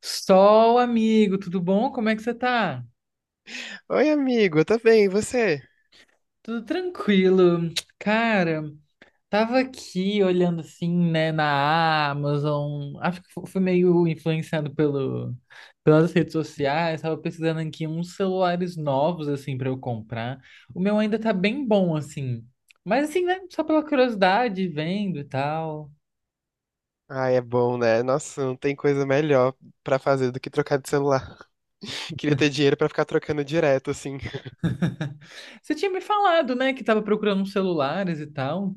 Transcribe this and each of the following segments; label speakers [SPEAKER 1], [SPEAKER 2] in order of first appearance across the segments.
[SPEAKER 1] Sol, amigo, tudo bom? Como é que você tá?
[SPEAKER 2] Oi, amigo, eu tô bem, e você?
[SPEAKER 1] Tudo tranquilo. Cara, tava aqui olhando assim, né, na Amazon. Acho que fui meio influenciado pelas redes sociais. Tava pesquisando aqui uns celulares novos, assim, pra eu comprar. O meu ainda tá bem bom, assim. Mas assim, né, só pela curiosidade, vendo e tal.
[SPEAKER 2] Ai, é bom, né? Nossa, não tem coisa melhor pra fazer do que trocar de celular. Queria ter dinheiro pra ficar trocando direto, assim.
[SPEAKER 1] Você tinha me falado, né, que tava procurando uns celulares e tal.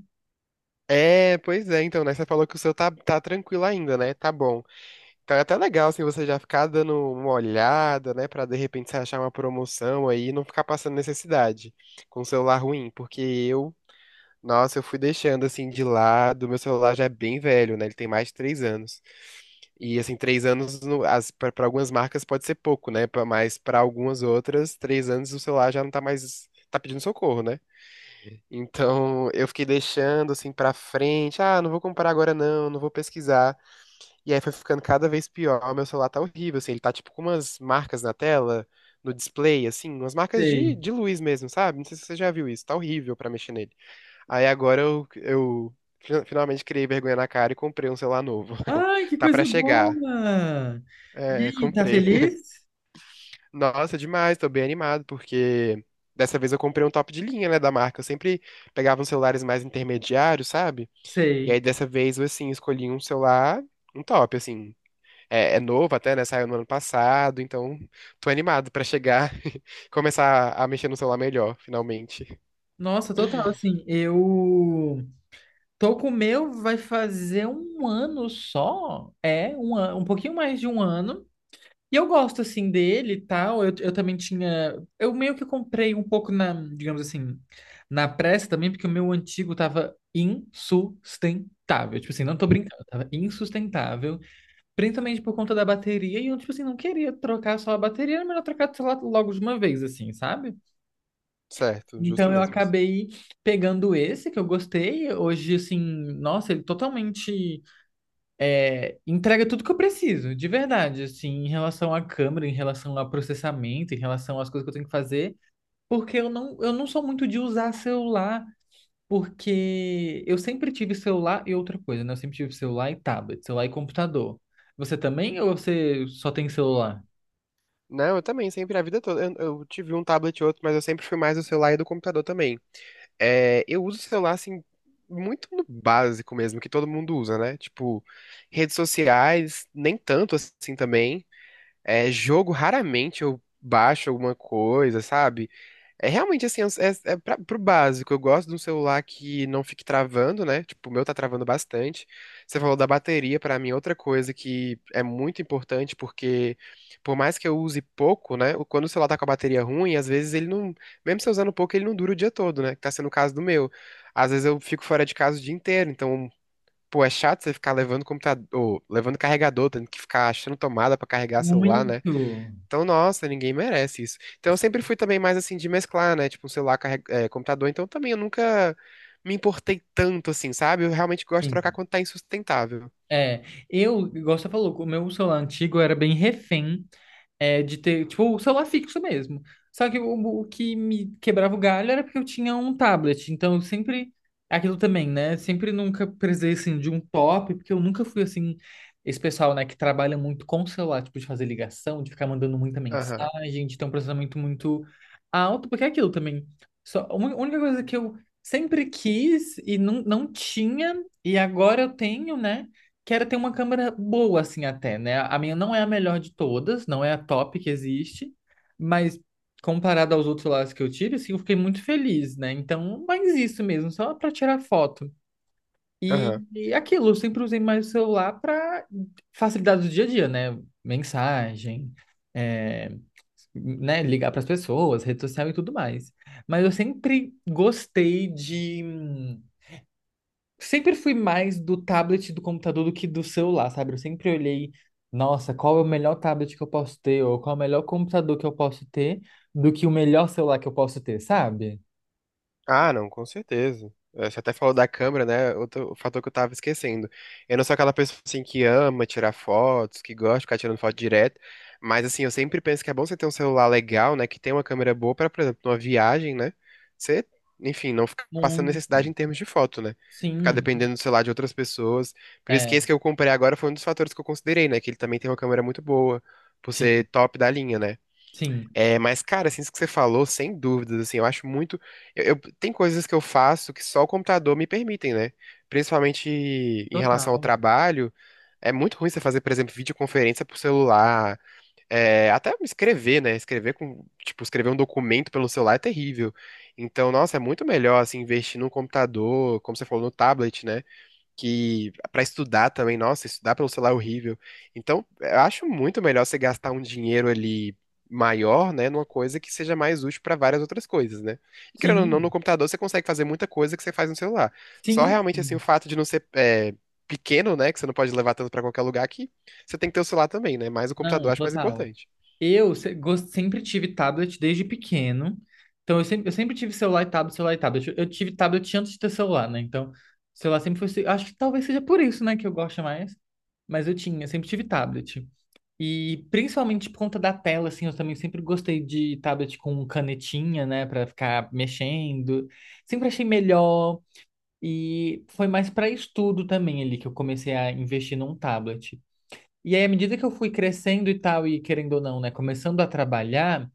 [SPEAKER 2] É, pois é, então, né? Você falou que o seu tá tranquilo ainda, né? Tá bom. Então é até legal, assim, você já ficar dando uma olhada, né? Pra de repente você achar uma promoção aí e não ficar passando necessidade com o celular ruim. Porque eu Nossa, eu fui deixando assim de lado. Meu celular já é bem velho, né? Ele tem mais de três anos. E assim, três anos para algumas marcas pode ser pouco, né? Mas para algumas outras, três anos o celular já não tá mais. Tá pedindo socorro, né? Então eu fiquei deixando assim pra frente. Ah, não vou comprar agora não, não vou pesquisar. E aí foi ficando cada vez pior. Meu celular tá horrível, assim. Ele tá tipo com umas marcas na tela, no display, assim, umas marcas de,
[SPEAKER 1] Sei.
[SPEAKER 2] de luz mesmo, sabe? Não sei se você já viu isso. Tá horrível pra mexer nele. Aí agora eu finalmente criei vergonha na cara e comprei um celular novo.
[SPEAKER 1] Ai, que
[SPEAKER 2] Tá pra
[SPEAKER 1] coisa
[SPEAKER 2] chegar.
[SPEAKER 1] boa! E
[SPEAKER 2] É,
[SPEAKER 1] aí, tá
[SPEAKER 2] comprei.
[SPEAKER 1] feliz?
[SPEAKER 2] Nossa, demais, tô bem animado, porque dessa vez eu comprei um top de linha, né, da marca. Eu sempre pegava uns celulares mais intermediários, sabe? E aí
[SPEAKER 1] Sei.
[SPEAKER 2] dessa vez eu, assim, escolhi um celular, um top, assim. É, é novo até, né? Saiu no ano passado, então tô animado pra chegar e começar a mexer no celular melhor, finalmente.
[SPEAKER 1] Nossa, total, assim, eu tô com o meu, vai fazer um ano só, é, um pouquinho mais de um ano, e eu gosto, assim, dele e tal, eu também tinha, eu meio que comprei um pouco na, digamos assim, na pressa também, porque o meu antigo tava insustentável, tipo assim, não tô brincando, tava insustentável. Principalmente por conta da bateria, e eu, tipo assim, não queria trocar só a bateria, era melhor trocar, sei lá, logo de uma vez, assim, sabe?
[SPEAKER 2] Certo, justo
[SPEAKER 1] Então eu
[SPEAKER 2] mesmo isso.
[SPEAKER 1] acabei pegando esse que eu gostei. Hoje, assim, nossa, ele totalmente é, entrega tudo que eu preciso, de verdade, assim, em relação à câmera, em relação ao processamento, em relação às coisas que eu tenho que fazer, porque eu não sou muito de usar celular. Porque eu sempre tive celular e outra coisa, né? Eu sempre tive celular e tablet, celular e computador. Você também ou você só tem celular?
[SPEAKER 2] Não, eu também, sempre, a vida toda. Eu tive um tablet e outro, mas eu sempre fui mais do celular e do computador também. É, eu uso o celular, assim, muito no básico mesmo, que todo mundo usa, né? Tipo, redes sociais, nem tanto assim também. É, jogo, raramente eu baixo alguma coisa, sabe? É realmente assim, é pra, pro básico. Eu gosto de um celular que não fique travando, né? Tipo, o meu tá travando bastante. Você falou da bateria, pra mim, é outra coisa que é muito importante, porque por mais que eu use pouco, né? Quando o celular tá com a bateria ruim, às vezes ele não. Mesmo se eu usando pouco, ele não dura o dia todo, né? Que tá sendo o caso do meu. Às vezes eu fico fora de casa o dia inteiro, então. Pô, é chato você ficar levando computador, levando carregador, tendo que ficar achando tomada pra carregar celular, né?
[SPEAKER 1] Muito.
[SPEAKER 2] Então, nossa, ninguém merece isso. Então, eu sempre fui também mais assim de mesclar, né? Tipo, um celular, computador. Então, também eu nunca me importei tanto assim, sabe? Eu realmente gosto de
[SPEAKER 1] Sim.
[SPEAKER 2] trocar quando tá insustentável.
[SPEAKER 1] É, eu, igual você falou, o meu celular antigo era bem refém é, de ter, tipo, o celular fixo mesmo. Só que o que me quebrava o galho era porque eu tinha um tablet. Então, eu sempre. Aquilo também, né? Sempre nunca precisei, assim, de um top, porque eu nunca fui, assim, esse pessoal, né, que trabalha muito com o celular, tipo, de fazer ligação, de ficar mandando muita
[SPEAKER 2] Aham,
[SPEAKER 1] mensagem, de ter um processamento muito alto, porque é aquilo também. Só, a única coisa que eu sempre quis e não tinha, e agora eu tenho, né? que era ter uma câmera boa, assim, até, né? A minha não é a melhor de todas, não é a top que existe, mas comparado aos outros celulares que eu tive, assim, eu fiquei muito feliz, né? Então, mais isso mesmo, só para tirar foto.
[SPEAKER 2] aham.
[SPEAKER 1] E aquilo, eu sempre usei mais o celular para facilidade do dia a dia, né? Mensagem, é, né? Ligar para as pessoas, rede social e tudo mais. Mas eu sempre gostei de sempre fui mais do tablet e do computador do que do celular, sabe? Eu sempre olhei, nossa, qual é o melhor tablet que eu posso ter, ou qual é o melhor computador que eu posso ter, do que o melhor celular que eu posso ter, sabe?
[SPEAKER 2] Ah, não, com certeza. Você até falou da câmera, né? Outro fator que eu tava esquecendo. Eu não sou aquela pessoa assim que ama tirar fotos, que gosta de ficar tirando foto direto, mas assim, eu sempre penso que é bom você ter um celular legal, né, que tem uma câmera boa pra, por exemplo, numa viagem, né? Você, enfim, não ficar passando necessidade
[SPEAKER 1] Muito.
[SPEAKER 2] em termos de foto, né? Ficar
[SPEAKER 1] Sim,
[SPEAKER 2] dependendo do celular de outras pessoas. Por isso que
[SPEAKER 1] é,
[SPEAKER 2] esse que eu comprei agora foi um dos fatores que eu considerei, né, que ele também tem uma câmera muito boa, por ser
[SPEAKER 1] sim,
[SPEAKER 2] top da linha, né?
[SPEAKER 1] sim,
[SPEAKER 2] É, mas, cara, assim, isso que você falou, sem dúvidas, assim, eu acho muito. Tem coisas que eu faço que só o computador me permitem, né? Principalmente em relação ao
[SPEAKER 1] total.
[SPEAKER 2] trabalho. É muito ruim você fazer, por exemplo, videoconferência por celular. É, até escrever, né? Escrever com. Tipo, escrever um documento pelo celular é terrível. Então, nossa, é muito melhor, assim, investir num computador, como você falou, no tablet, né? Que para estudar também, nossa, estudar pelo celular é horrível. Então, eu acho muito melhor você gastar um dinheiro ali maior, né, numa coisa que seja mais útil para várias outras coisas, né? E querendo ou não, no
[SPEAKER 1] Sim,
[SPEAKER 2] computador você consegue fazer muita coisa que você faz no celular. Só
[SPEAKER 1] sim,
[SPEAKER 2] realmente assim o
[SPEAKER 1] sim.
[SPEAKER 2] fato de não ser pequeno, né, que você não pode levar tanto para qualquer lugar que você tem que ter o celular também, né? Mas o computador
[SPEAKER 1] Não,
[SPEAKER 2] eu acho mais
[SPEAKER 1] total.
[SPEAKER 2] importante.
[SPEAKER 1] Eu se- gos- sempre tive tablet desde pequeno. Então, eu sempre tive celular e tablet, celular e tablet. Eu tive tablet antes de ter celular, né? Então, celular sempre foi. Acho que talvez seja por isso, né, que eu gosto mais. Mas eu tinha, eu sempre tive tablet. E principalmente por conta da tela, assim, eu também sempre gostei de tablet com canetinha, né, pra ficar mexendo. Sempre achei melhor. E foi mais para estudo também ali que eu comecei a investir num tablet. E aí, à medida que eu fui crescendo e tal, e querendo ou não, né, começando a trabalhar,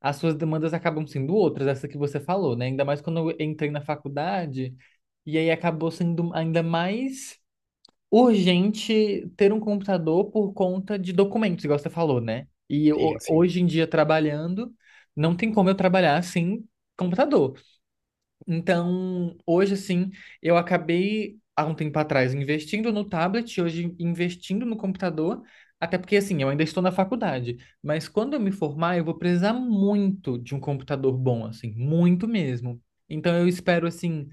[SPEAKER 1] as suas demandas acabam sendo outras, essa que você falou, né? Ainda mais quando eu entrei na faculdade, e aí acabou sendo ainda mais urgente ter um computador por conta de documentos, igual você falou, né? E
[SPEAKER 2] Sim, sim.
[SPEAKER 1] hoje em dia, trabalhando, não tem como eu trabalhar sem computador. Então, hoje, assim, eu acabei, há um tempo atrás, investindo no tablet, hoje investindo no computador, até porque, assim, eu ainda estou na faculdade, mas quando eu me formar, eu vou precisar muito de um computador bom, assim, muito mesmo. Então, eu espero, assim,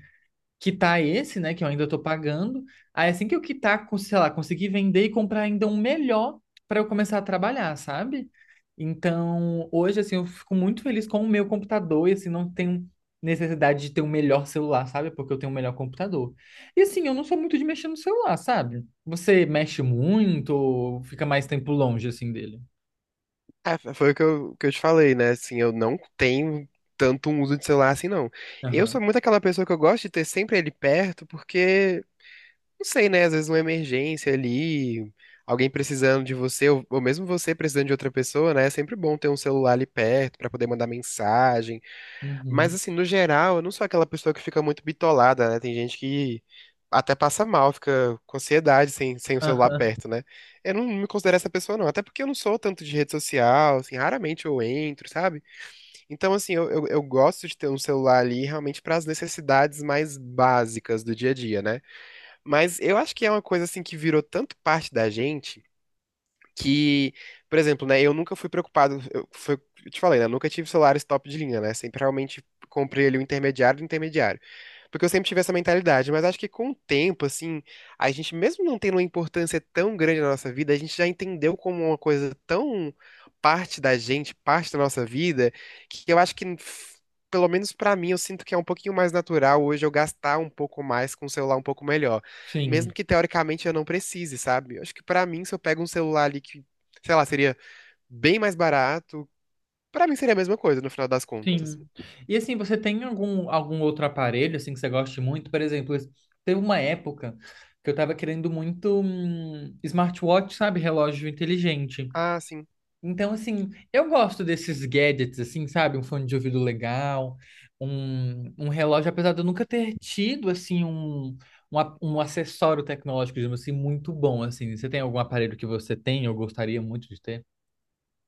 [SPEAKER 1] quitar esse, né, que eu ainda estou pagando. Aí assim que eu quitar, sei lá, conseguir vender e comprar ainda um melhor para eu começar a trabalhar, sabe? Então, hoje assim, eu fico muito feliz com o meu computador e assim não tenho necessidade de ter um melhor celular, sabe? Porque eu tenho um melhor computador. E assim, eu não sou muito de mexer no celular, sabe? Você mexe muito ou fica mais tempo longe assim dele?
[SPEAKER 2] É, foi o que eu te falei, né? Assim, eu não tenho tanto um uso de celular assim, não. Eu
[SPEAKER 1] Aham.
[SPEAKER 2] sou muito aquela pessoa que eu gosto de ter sempre ele perto, porque, não sei, né? Às vezes uma emergência ali, alguém precisando de você, ou mesmo você precisando de outra pessoa, né? É sempre bom ter um celular ali perto pra poder mandar mensagem. Mas
[SPEAKER 1] Uhum.
[SPEAKER 2] assim, no geral, eu não sou aquela pessoa que fica muito bitolada, né? Tem gente que até passa mal, fica com ansiedade sem o celular
[SPEAKER 1] Aham.
[SPEAKER 2] perto, né? Eu não me considero essa pessoa, não. Até porque eu não sou tanto de rede social, assim, raramente eu entro, sabe? Então, assim, eu gosto de ter um celular ali realmente para as necessidades mais básicas do dia a dia, né? Mas eu acho que é uma coisa, assim, que virou tanto parte da gente que, por exemplo, né, eu nunca fui preocupado, eu te falei, né, eu nunca tive celulares top de linha, né, sempre realmente comprei ali o intermediário do intermediário, porque eu sempre tive essa mentalidade, mas acho que com o tempo, assim, a gente mesmo não tendo uma importância tão grande na nossa vida, a gente já entendeu como uma coisa tão parte da gente, parte da nossa vida, que eu acho que pelo menos pra mim, eu sinto que é um pouquinho mais natural hoje eu gastar um pouco mais com um celular um pouco melhor
[SPEAKER 1] Sim.
[SPEAKER 2] mesmo que teoricamente eu não precise, sabe? Eu acho que pra mim, se eu pego um celular ali que, sei lá, seria bem mais barato, pra mim seria a mesma coisa no final das contas.
[SPEAKER 1] Sim. E assim, você tem algum, algum outro aparelho assim que você goste muito? Por exemplo, teve uma época que eu tava querendo muito smartwatch, sabe? Relógio inteligente.
[SPEAKER 2] Ah, sim.
[SPEAKER 1] Então, assim, eu gosto desses gadgets, assim, sabe? Um fone de ouvido legal, um relógio, apesar de eu nunca ter tido, assim, um acessório tecnológico, digamos assim, muito bom, assim. Você tem algum aparelho que você tem ou gostaria muito de ter?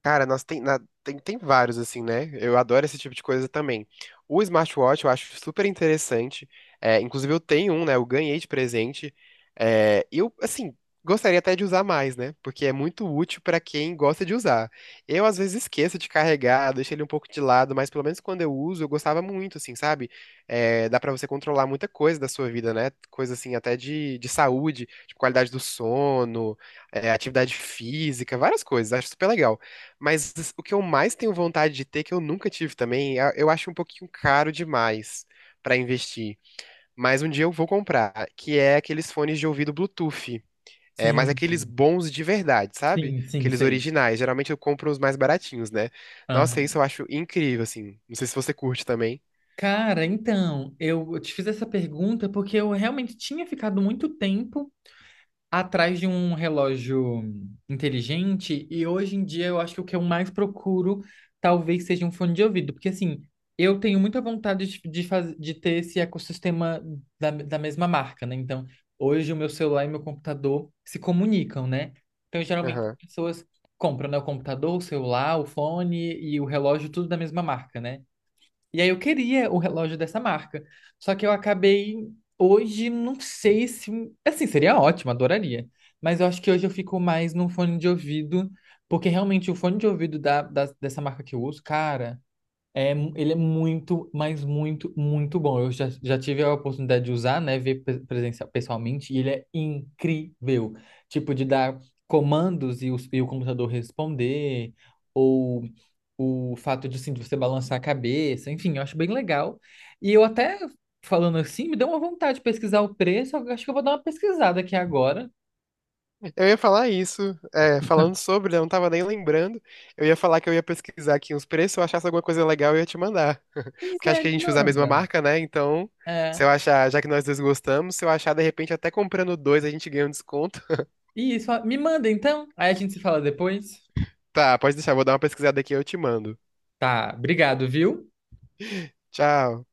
[SPEAKER 2] Cara, tem, tem vários, assim, né? Eu adoro esse tipo de coisa também. O smartwatch eu acho super interessante. É, inclusive, eu tenho um, né? Eu ganhei de presente. É, eu, assim, gostaria até de usar mais, né? Porque é muito útil pra quem gosta de usar. Eu, às vezes, esqueço de carregar, deixo ele um pouco de lado, mas pelo menos quando eu uso, eu gostava muito, assim, sabe? É, dá pra você controlar muita coisa da sua vida, né? Coisa, assim, até de saúde, tipo qualidade do sono, é, atividade física, várias coisas. Acho super legal. Mas o que eu mais tenho vontade de ter, que eu nunca tive também, eu acho um pouquinho caro demais pra investir. Mas um dia eu vou comprar, que é aqueles fones de ouvido Bluetooth. É, mas
[SPEAKER 1] Sim,
[SPEAKER 2] aqueles bons de verdade, sabe?
[SPEAKER 1] sim, sim,
[SPEAKER 2] Aqueles
[SPEAKER 1] sei.
[SPEAKER 2] originais. Geralmente eu compro os mais baratinhos, né? Nossa, isso eu acho incrível, assim. Não sei se você curte também.
[SPEAKER 1] Cara, então, eu te fiz essa pergunta porque eu realmente tinha ficado muito tempo atrás de um relógio inteligente e hoje em dia eu acho que o que eu mais procuro talvez seja um fone de ouvido, porque assim, eu tenho muita vontade de ter esse ecossistema da mesma marca, né? Então, hoje o meu celular e meu computador se comunicam, né? Então, geralmente as pessoas compram, né, o computador, o celular, o fone e o relógio, tudo da mesma marca, né? E aí eu queria o relógio dessa marca. Só que eu acabei hoje, não sei se. Assim, seria ótimo, adoraria. Mas eu acho que hoje eu fico mais num fone de ouvido, porque realmente o fone de ouvido dessa marca que eu uso, cara, é, ele é muito, mas muito, muito bom. Já tive a oportunidade de usar, né? Ver presencial, pessoalmente, e ele é incrível. Tipo, de dar comandos e e o computador responder. Ou o fato de, assim, de você balançar a cabeça, enfim, eu acho bem legal. E eu até, falando assim, me deu uma vontade de pesquisar o preço, eu acho que eu vou dar uma pesquisada aqui agora.
[SPEAKER 2] Eu ia falar isso, é, falando sobre, né, eu não tava nem lembrando. Eu ia falar que eu ia pesquisar aqui uns preços, se eu achasse alguma coisa legal, eu ia te mandar.
[SPEAKER 1] Pois
[SPEAKER 2] Porque
[SPEAKER 1] é,
[SPEAKER 2] acho que
[SPEAKER 1] me
[SPEAKER 2] a gente usa a mesma
[SPEAKER 1] manda.
[SPEAKER 2] marca, né? Então, se
[SPEAKER 1] É,
[SPEAKER 2] eu achar, já que nós dois gostamos, se eu achar, de repente, até comprando dois, a gente ganha um desconto.
[SPEAKER 1] isso, me manda então, aí a gente se fala depois.
[SPEAKER 2] Tá, pode deixar, vou dar uma pesquisada aqui e eu te mando.
[SPEAKER 1] Tá, obrigado, viu?
[SPEAKER 2] Tchau.